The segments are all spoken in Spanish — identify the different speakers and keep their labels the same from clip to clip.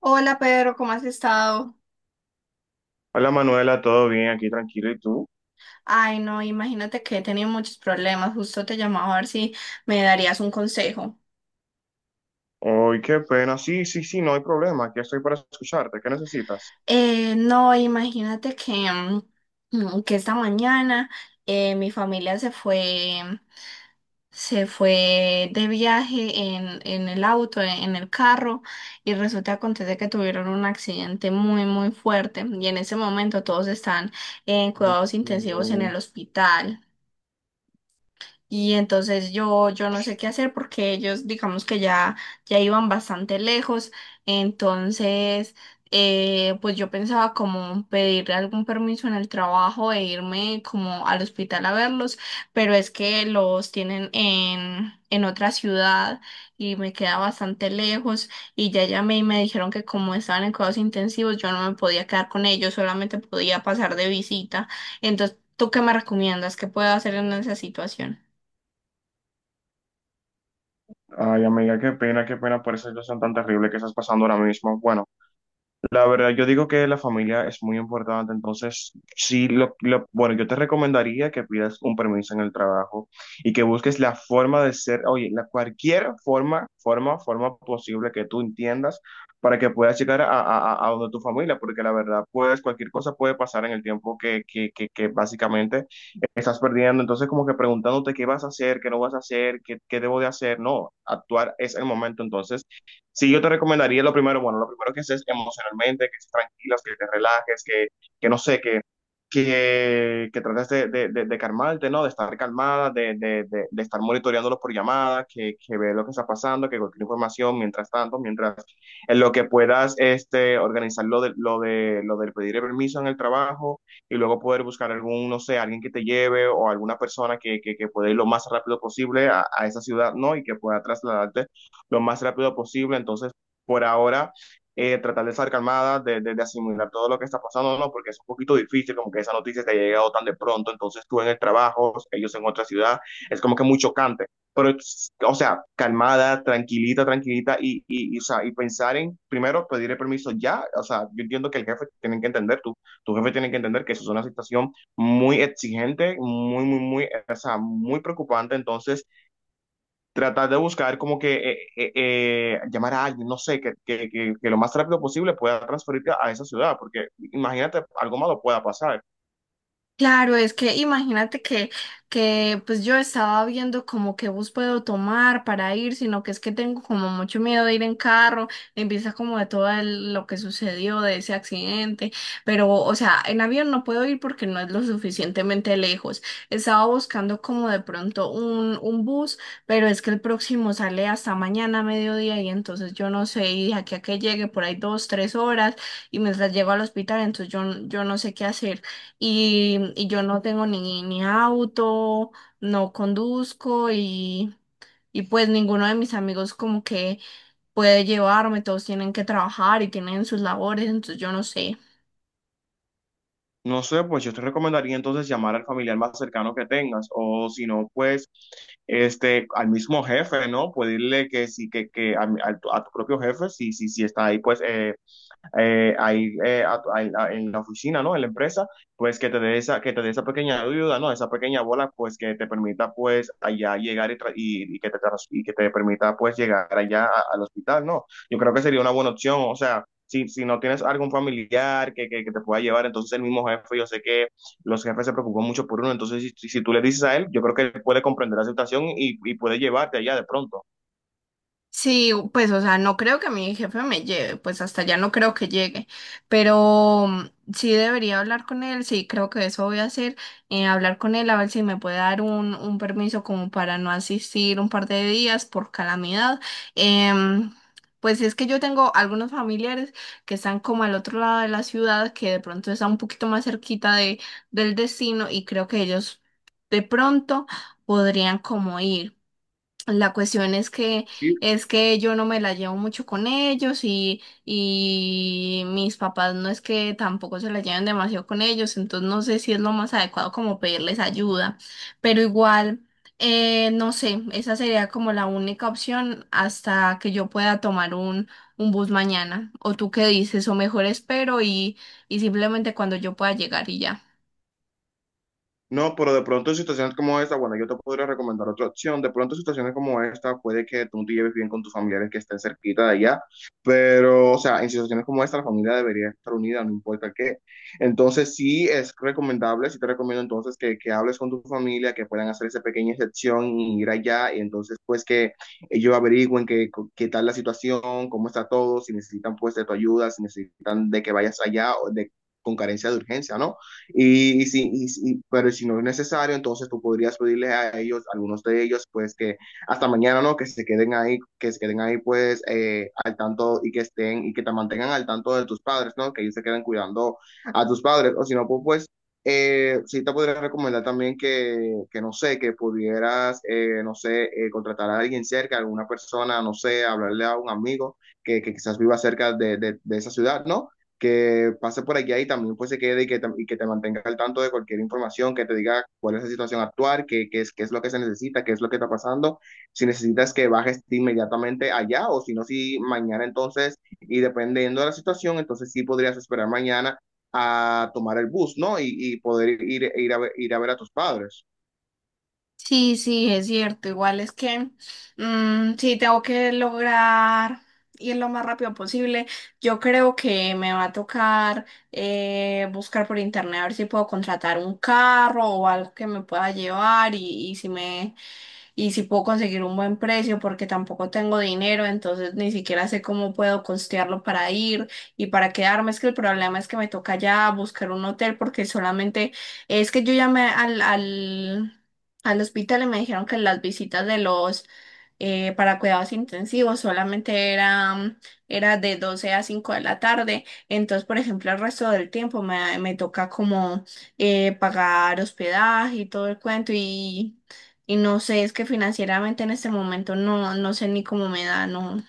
Speaker 1: Hola Pedro, ¿cómo has estado?
Speaker 2: Hola Manuela, ¿todo bien? Aquí tranquilo, ¿y tú?
Speaker 1: Ay, no, imagínate que he tenido muchos problemas. Justo te llamaba a ver si me darías un consejo.
Speaker 2: Ay, qué pena. Sí, sí, sí, no hay problema. Aquí estoy para escucharte. ¿Qué necesitas?
Speaker 1: No, imagínate que que esta mañana mi familia se fue de viaje en el auto, en el carro, y resulta acontece que tuvieron un accidente muy, muy fuerte. Y en ese momento todos están en cuidados intensivos en
Speaker 2: Mm.
Speaker 1: el hospital. Y entonces yo no sé qué hacer porque ellos, digamos que ya iban bastante lejos. Entonces, pues yo pensaba como pedir algún permiso en el trabajo e irme como al hospital a verlos, pero es que los tienen en otra ciudad y me queda bastante lejos. Y ya llamé y me dijeron que como estaban en cuidados intensivos, yo no me podía quedar con ellos, solamente podía pasar de visita. Entonces, ¿tú qué me recomiendas? ¿Qué puedo hacer en esa situación?
Speaker 2: Ay, amiga, qué pena por esa situación tan terrible que estás pasando ahora mismo. Bueno. La verdad, yo digo que la familia es muy importante, entonces sí, bueno, yo te recomendaría que pidas un permiso en el trabajo y que busques la forma de ser, oye, la cualquier forma, forma posible que tú entiendas para que puedas llegar a donde tu familia, porque la verdad, pues cualquier cosa puede pasar en el tiempo que básicamente estás perdiendo, entonces como que preguntándote qué vas a hacer, qué no vas a hacer, qué debo de hacer, no, actuar es el momento, entonces. Sí, yo te recomendaría lo primero, bueno, lo primero que es emocionalmente, que estés tranquilas, que te relajes, que no sé, que trates de calmarte, ¿no? De estar calmada, de estar monitoreándolos por llamadas, que ve lo que está pasando, que cualquier información, mientras tanto, mientras en lo que puedas este, organizar lo de, lo del pedir el permiso en el trabajo y luego poder buscar algún, no sé, alguien que te lleve o alguna persona que pueda ir lo más rápido posible a esa ciudad, ¿no? Y que pueda trasladarte lo más rápido posible. Entonces, por ahora, tratar de estar calmada, asimilar todo lo que está pasando, ¿no? Porque es un poquito difícil, como que esa noticia te ha llegado tan de pronto, entonces tú en el trabajo, ellos en otra ciudad, es como que muy chocante. O sea, calmada, tranquilita, tranquilita, y, o sea, y pensar en, primero, pedir el permiso ya, o sea, yo entiendo que el jefe tiene que entender, tu jefe tiene que entender que eso es una situación muy exigente, muy, o sea, muy preocupante, entonces tratar de buscar como que llamar a alguien, no sé, que lo más rápido posible pueda transferirte a esa ciudad, porque imagínate, algo malo pueda pasar.
Speaker 1: Claro, es que imagínate que pues yo estaba viendo como qué bus puedo tomar para ir, sino que es que tengo como mucho miedo de ir en carro, en vista como de lo que sucedió de ese accidente, pero o sea, en avión no puedo ir porque no es lo suficientemente lejos. Estaba buscando como de pronto un bus, pero es que el próximo sale hasta mañana a mediodía y entonces yo no sé, y de aquí a que llegue por ahí dos, tres horas y mientras llego al hospital, entonces yo no sé qué hacer y yo no tengo ni auto, no conduzco y pues ninguno de mis amigos como que puede llevarme, todos tienen que trabajar y tienen sus labores, entonces yo no sé.
Speaker 2: No sé, pues yo te recomendaría entonces llamar al familiar más cercano que tengas, o si no, pues este, al mismo jefe, ¿no? Pedirle que sí, que a, a tu propio jefe, si está ahí, pues ahí en la oficina, ¿no? En la empresa, pues que te dé esa, que te dé esa pequeña ayuda, ¿no? Esa pequeña bola, pues que te permita, pues, allá llegar y que te, y que te permita, pues, llegar allá al hospital, ¿no? Yo creo que sería una buena opción, o sea, si no tienes algún familiar que te pueda llevar, entonces el mismo jefe, yo sé que los jefes se preocupan mucho por uno, entonces si tú le dices a él, yo creo que él puede comprender la situación y puede llevarte allá de pronto.
Speaker 1: Sí, pues, o sea, no creo que mi jefe me lleve, pues hasta allá no creo que llegue, pero mm, sí debería hablar con él, sí, creo que eso voy a hacer, hablar con él a ver si me puede dar un permiso como para no asistir un par de días por calamidad. Em, pues es que yo tengo algunos familiares que están como al otro lado de la ciudad, que de pronto están un poquito más cerquita de, del destino y creo que ellos de pronto podrían como ir. La cuestión
Speaker 2: ¿Sí?
Speaker 1: es que yo no me la llevo mucho con ellos y mis papás no es que tampoco se la lleven demasiado con ellos, entonces no sé si es lo más adecuado como pedirles ayuda, pero igual, no sé, esa sería como la única opción hasta que yo pueda tomar un bus mañana. ¿O tú qué dices? O mejor espero y simplemente cuando yo pueda llegar y ya.
Speaker 2: No, pero de pronto en situaciones como esta, bueno, yo te podría recomendar otra opción. De pronto en situaciones como esta, puede que tú te lleves bien con tus familiares que estén cerquita de allá, pero, o sea, en situaciones como esta, la familia debería estar unida, no importa qué. Entonces, sí es recomendable, sí te recomiendo entonces que hables con tu familia, que puedan hacer esa pequeña excepción y ir allá, y entonces, pues, que ellos averigüen qué, qué tal la situación, cómo está todo, si necesitan, pues, de tu ayuda, si necesitan de que vayas allá o de, con carencia de urgencia, ¿no? Pero si no es necesario, entonces tú podrías pedirle a ellos, algunos de ellos, pues que hasta mañana, ¿no? Que se queden ahí, que se queden ahí, pues, al tanto y que estén y que te mantengan al tanto de tus padres, ¿no? Que ellos se queden cuidando a tus padres. O si no, pues, pues, sí te podría recomendar también que no sé, que pudieras, no sé, contratar a alguien cerca, alguna persona, no sé, hablarle a un amigo que quizás viva cerca de, de esa ciudad, ¿no? Que pase por allá y también pues se quede y que, y que te mantenga al tanto de cualquier información, que te diga cuál es la situación actual, qué, qué es lo que se necesita, qué es lo que está pasando, si necesitas que bajes inmediatamente allá o si no, si mañana entonces, y dependiendo de la situación, entonces sí podrías esperar mañana a tomar el bus, ¿no? Poder ir a ver a tus padres.
Speaker 1: Sí, sí, es cierto. Igual es que mm, sí tengo que lograr ir lo más rápido posible. Yo creo que me va a tocar buscar por internet a ver si puedo contratar un carro o algo que me pueda llevar y si puedo conseguir un buen precio porque tampoco tengo dinero, entonces ni siquiera sé cómo puedo costearlo para ir y para quedarme. Es que el problema es que me toca ya buscar un hotel porque solamente es que yo llamé al hospital y me dijeron que las visitas de los para cuidados intensivos, solamente era de 12 a 5 de la tarde. Entonces, por ejemplo, el resto del tiempo me toca como pagar hospedaje y todo el cuento y no sé, es que financieramente en este momento no, no sé ni cómo me da, no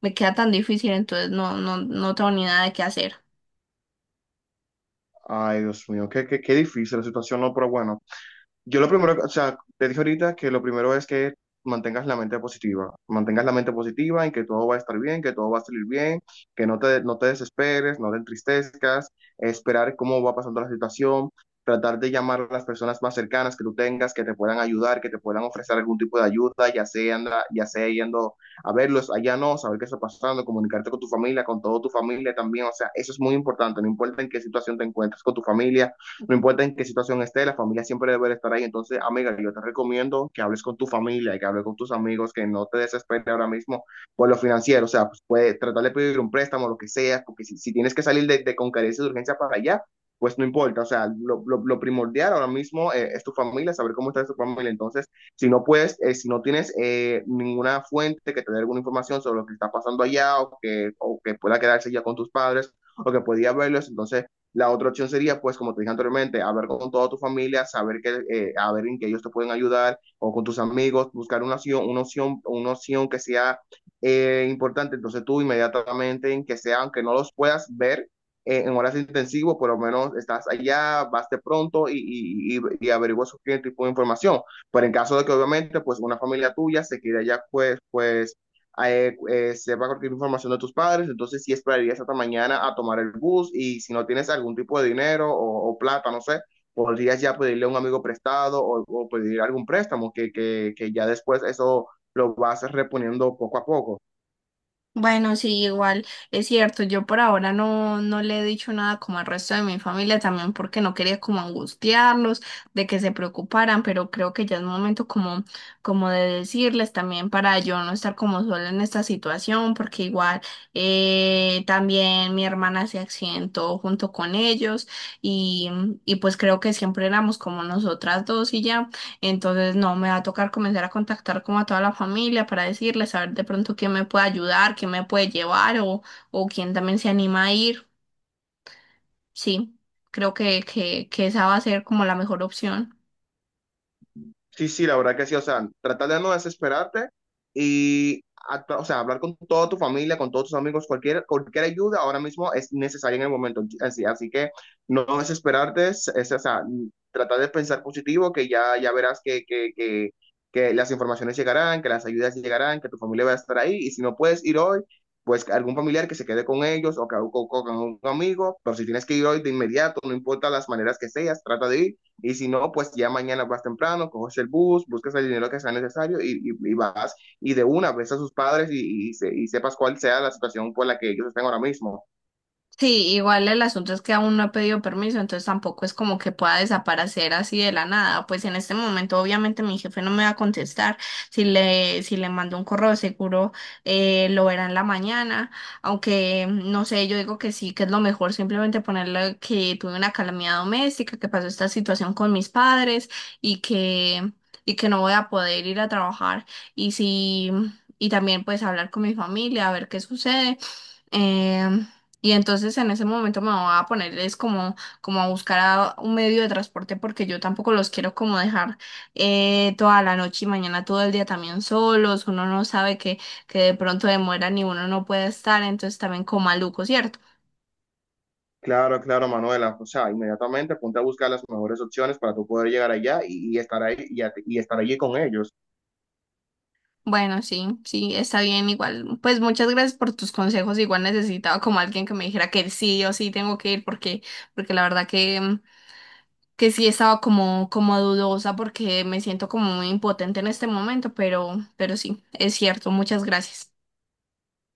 Speaker 1: me queda tan difícil, entonces no, no, no tengo ni nada de qué hacer.
Speaker 2: Ay, Dios mío, qué difícil la situación, ¿no? Pero bueno. Yo lo primero, o sea, te dije ahorita que lo primero es que mantengas la mente positiva, mantengas la mente positiva en que todo va a estar bien, que todo va a salir bien, que no te, no te desesperes, no te entristezcas, esperar cómo va pasando la situación, tratar de llamar a las personas más cercanas que tú tengas, que te puedan ayudar, que te puedan ofrecer algún tipo de ayuda, ya sea, ya sea yendo a verlos, allá no, saber qué está pasando, comunicarte con tu familia, con toda tu familia también, o sea, eso es muy importante, no importa en qué situación te encuentres con tu familia, no importa en qué situación esté, la familia siempre debe estar ahí. Entonces, amiga, yo te recomiendo que hables con tu familia, que hables con tus amigos, que no te desesperes ahora mismo por lo financiero. O sea, pues puede tratar de pedir un préstamo, lo que sea, porque si tienes que salir de con carencia de urgencia para allá, pues no importa, o sea, lo primordial ahora mismo es tu familia, saber cómo está tu familia. Entonces, si no puedes, si no tienes ninguna fuente que te dé alguna información sobre lo que está pasando allá o que pueda quedarse ya con tus padres o que podía verlos, entonces la otra opción sería, pues, como te dije anteriormente, hablar con toda tu familia, saber que, a ver en qué ellos te pueden ayudar, o con tus amigos, buscar una opción, una opción que sea importante. Entonces tú inmediatamente, en que sea, aunque no los puedas ver en horas intensivas, por lo menos estás allá, vas de pronto y averiguas cualquier tipo de información. Pero en caso de que obviamente, pues, una familia tuya se quede allá, pues, pues, sepa cualquier información de tus padres, entonces sí esperarías hasta mañana a tomar el bus y si no tienes algún tipo de dinero o plata, no sé, podrías ya pedirle a un amigo prestado o pedir algún préstamo que ya después eso lo vas reponiendo poco a poco.
Speaker 1: Bueno, sí, igual es cierto, yo por ahora no le he dicho nada como al resto de mi familia, también porque no quería como angustiarlos, de que se preocuparan, pero creo que ya es momento como de decirles también para yo no estar como sola en esta situación, porque igual también mi hermana se accidentó junto con ellos y, y pues creo que siempre éramos como nosotras dos y ya. Entonces, no, me va a tocar comenzar a contactar como a toda la familia para decirles, a ver de pronto quién me puede ayudar, quién me puede llevar o quién también se anima a ir. Sí, creo que esa va a ser como la mejor opción.
Speaker 2: Sí, sí, la verdad que sí, o sea, tratar de no desesperarte y, o sea, hablar con toda tu familia, con todos tus amigos, cualquier, cualquier ayuda ahora mismo es necesaria en el momento, así que no desesperarte, o sea, tratar de pensar positivo, que ya, ya verás que las informaciones llegarán, que las ayudas llegarán, que tu familia va a estar ahí, y si no puedes ir hoy, pues algún familiar que se quede con ellos o con un amigo, pero si tienes que ir hoy de inmediato, no importa las maneras que seas, trata de ir y si no, pues ya mañana vas temprano, coges el bus, buscas el dinero que sea necesario y vas y de una ves a sus padres y sepas cuál sea la situación por la que ellos estén ahora mismo.
Speaker 1: Sí, igual el asunto es que aún no he pedido permiso, entonces tampoco es como que pueda desaparecer así de la nada. Pues en este momento, obviamente, mi jefe no me va a contestar. Si le mando un correo, seguro lo verá en la mañana. Aunque no sé, yo digo que sí, que es lo mejor simplemente ponerle que tuve una calamidad doméstica, que pasó esta situación con mis padres y que, y que no voy a poder ir a trabajar. Y si, y también pues hablar con mi familia, a ver qué sucede. Em, y entonces en ese momento me voy a ponerles como, como a buscar a un medio de transporte porque yo tampoco los quiero como dejar toda la noche y mañana todo el día también solos. Uno no sabe que de pronto demoran y uno no puede estar, entonces también como maluco, ¿cierto?
Speaker 2: Claro, claro, Manuela. O sea, inmediatamente ponte a buscar las mejores opciones para tú poder llegar allá y estar ahí y estar allí con ellos.
Speaker 1: Bueno, sí, sí, está bien, igual. Pues muchas gracias por tus consejos. Igual necesitaba como alguien que me dijera que sí o sí tengo que ir porque, porque la verdad que sí estaba como, como dudosa porque me siento como muy impotente en este momento, pero sí, es cierto, muchas gracias.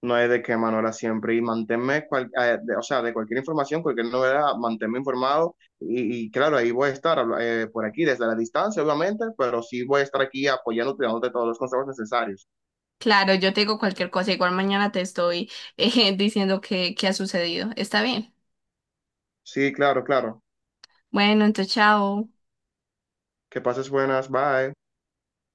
Speaker 2: No hay de qué, Manuela, siempre. Y manténme, o sea, de cualquier información, cualquier novedad, manténme informado. Y claro, ahí voy a estar por aquí desde la distancia, obviamente, pero sí voy a estar aquí apoyándote, dándote todos los consejos necesarios.
Speaker 1: Claro, yo te digo cualquier cosa, igual mañana te estoy diciendo qué ha sucedido. Está bien.
Speaker 2: Sí, claro, claro.
Speaker 1: Bueno, entonces chao.
Speaker 2: Que pases buenas, bye.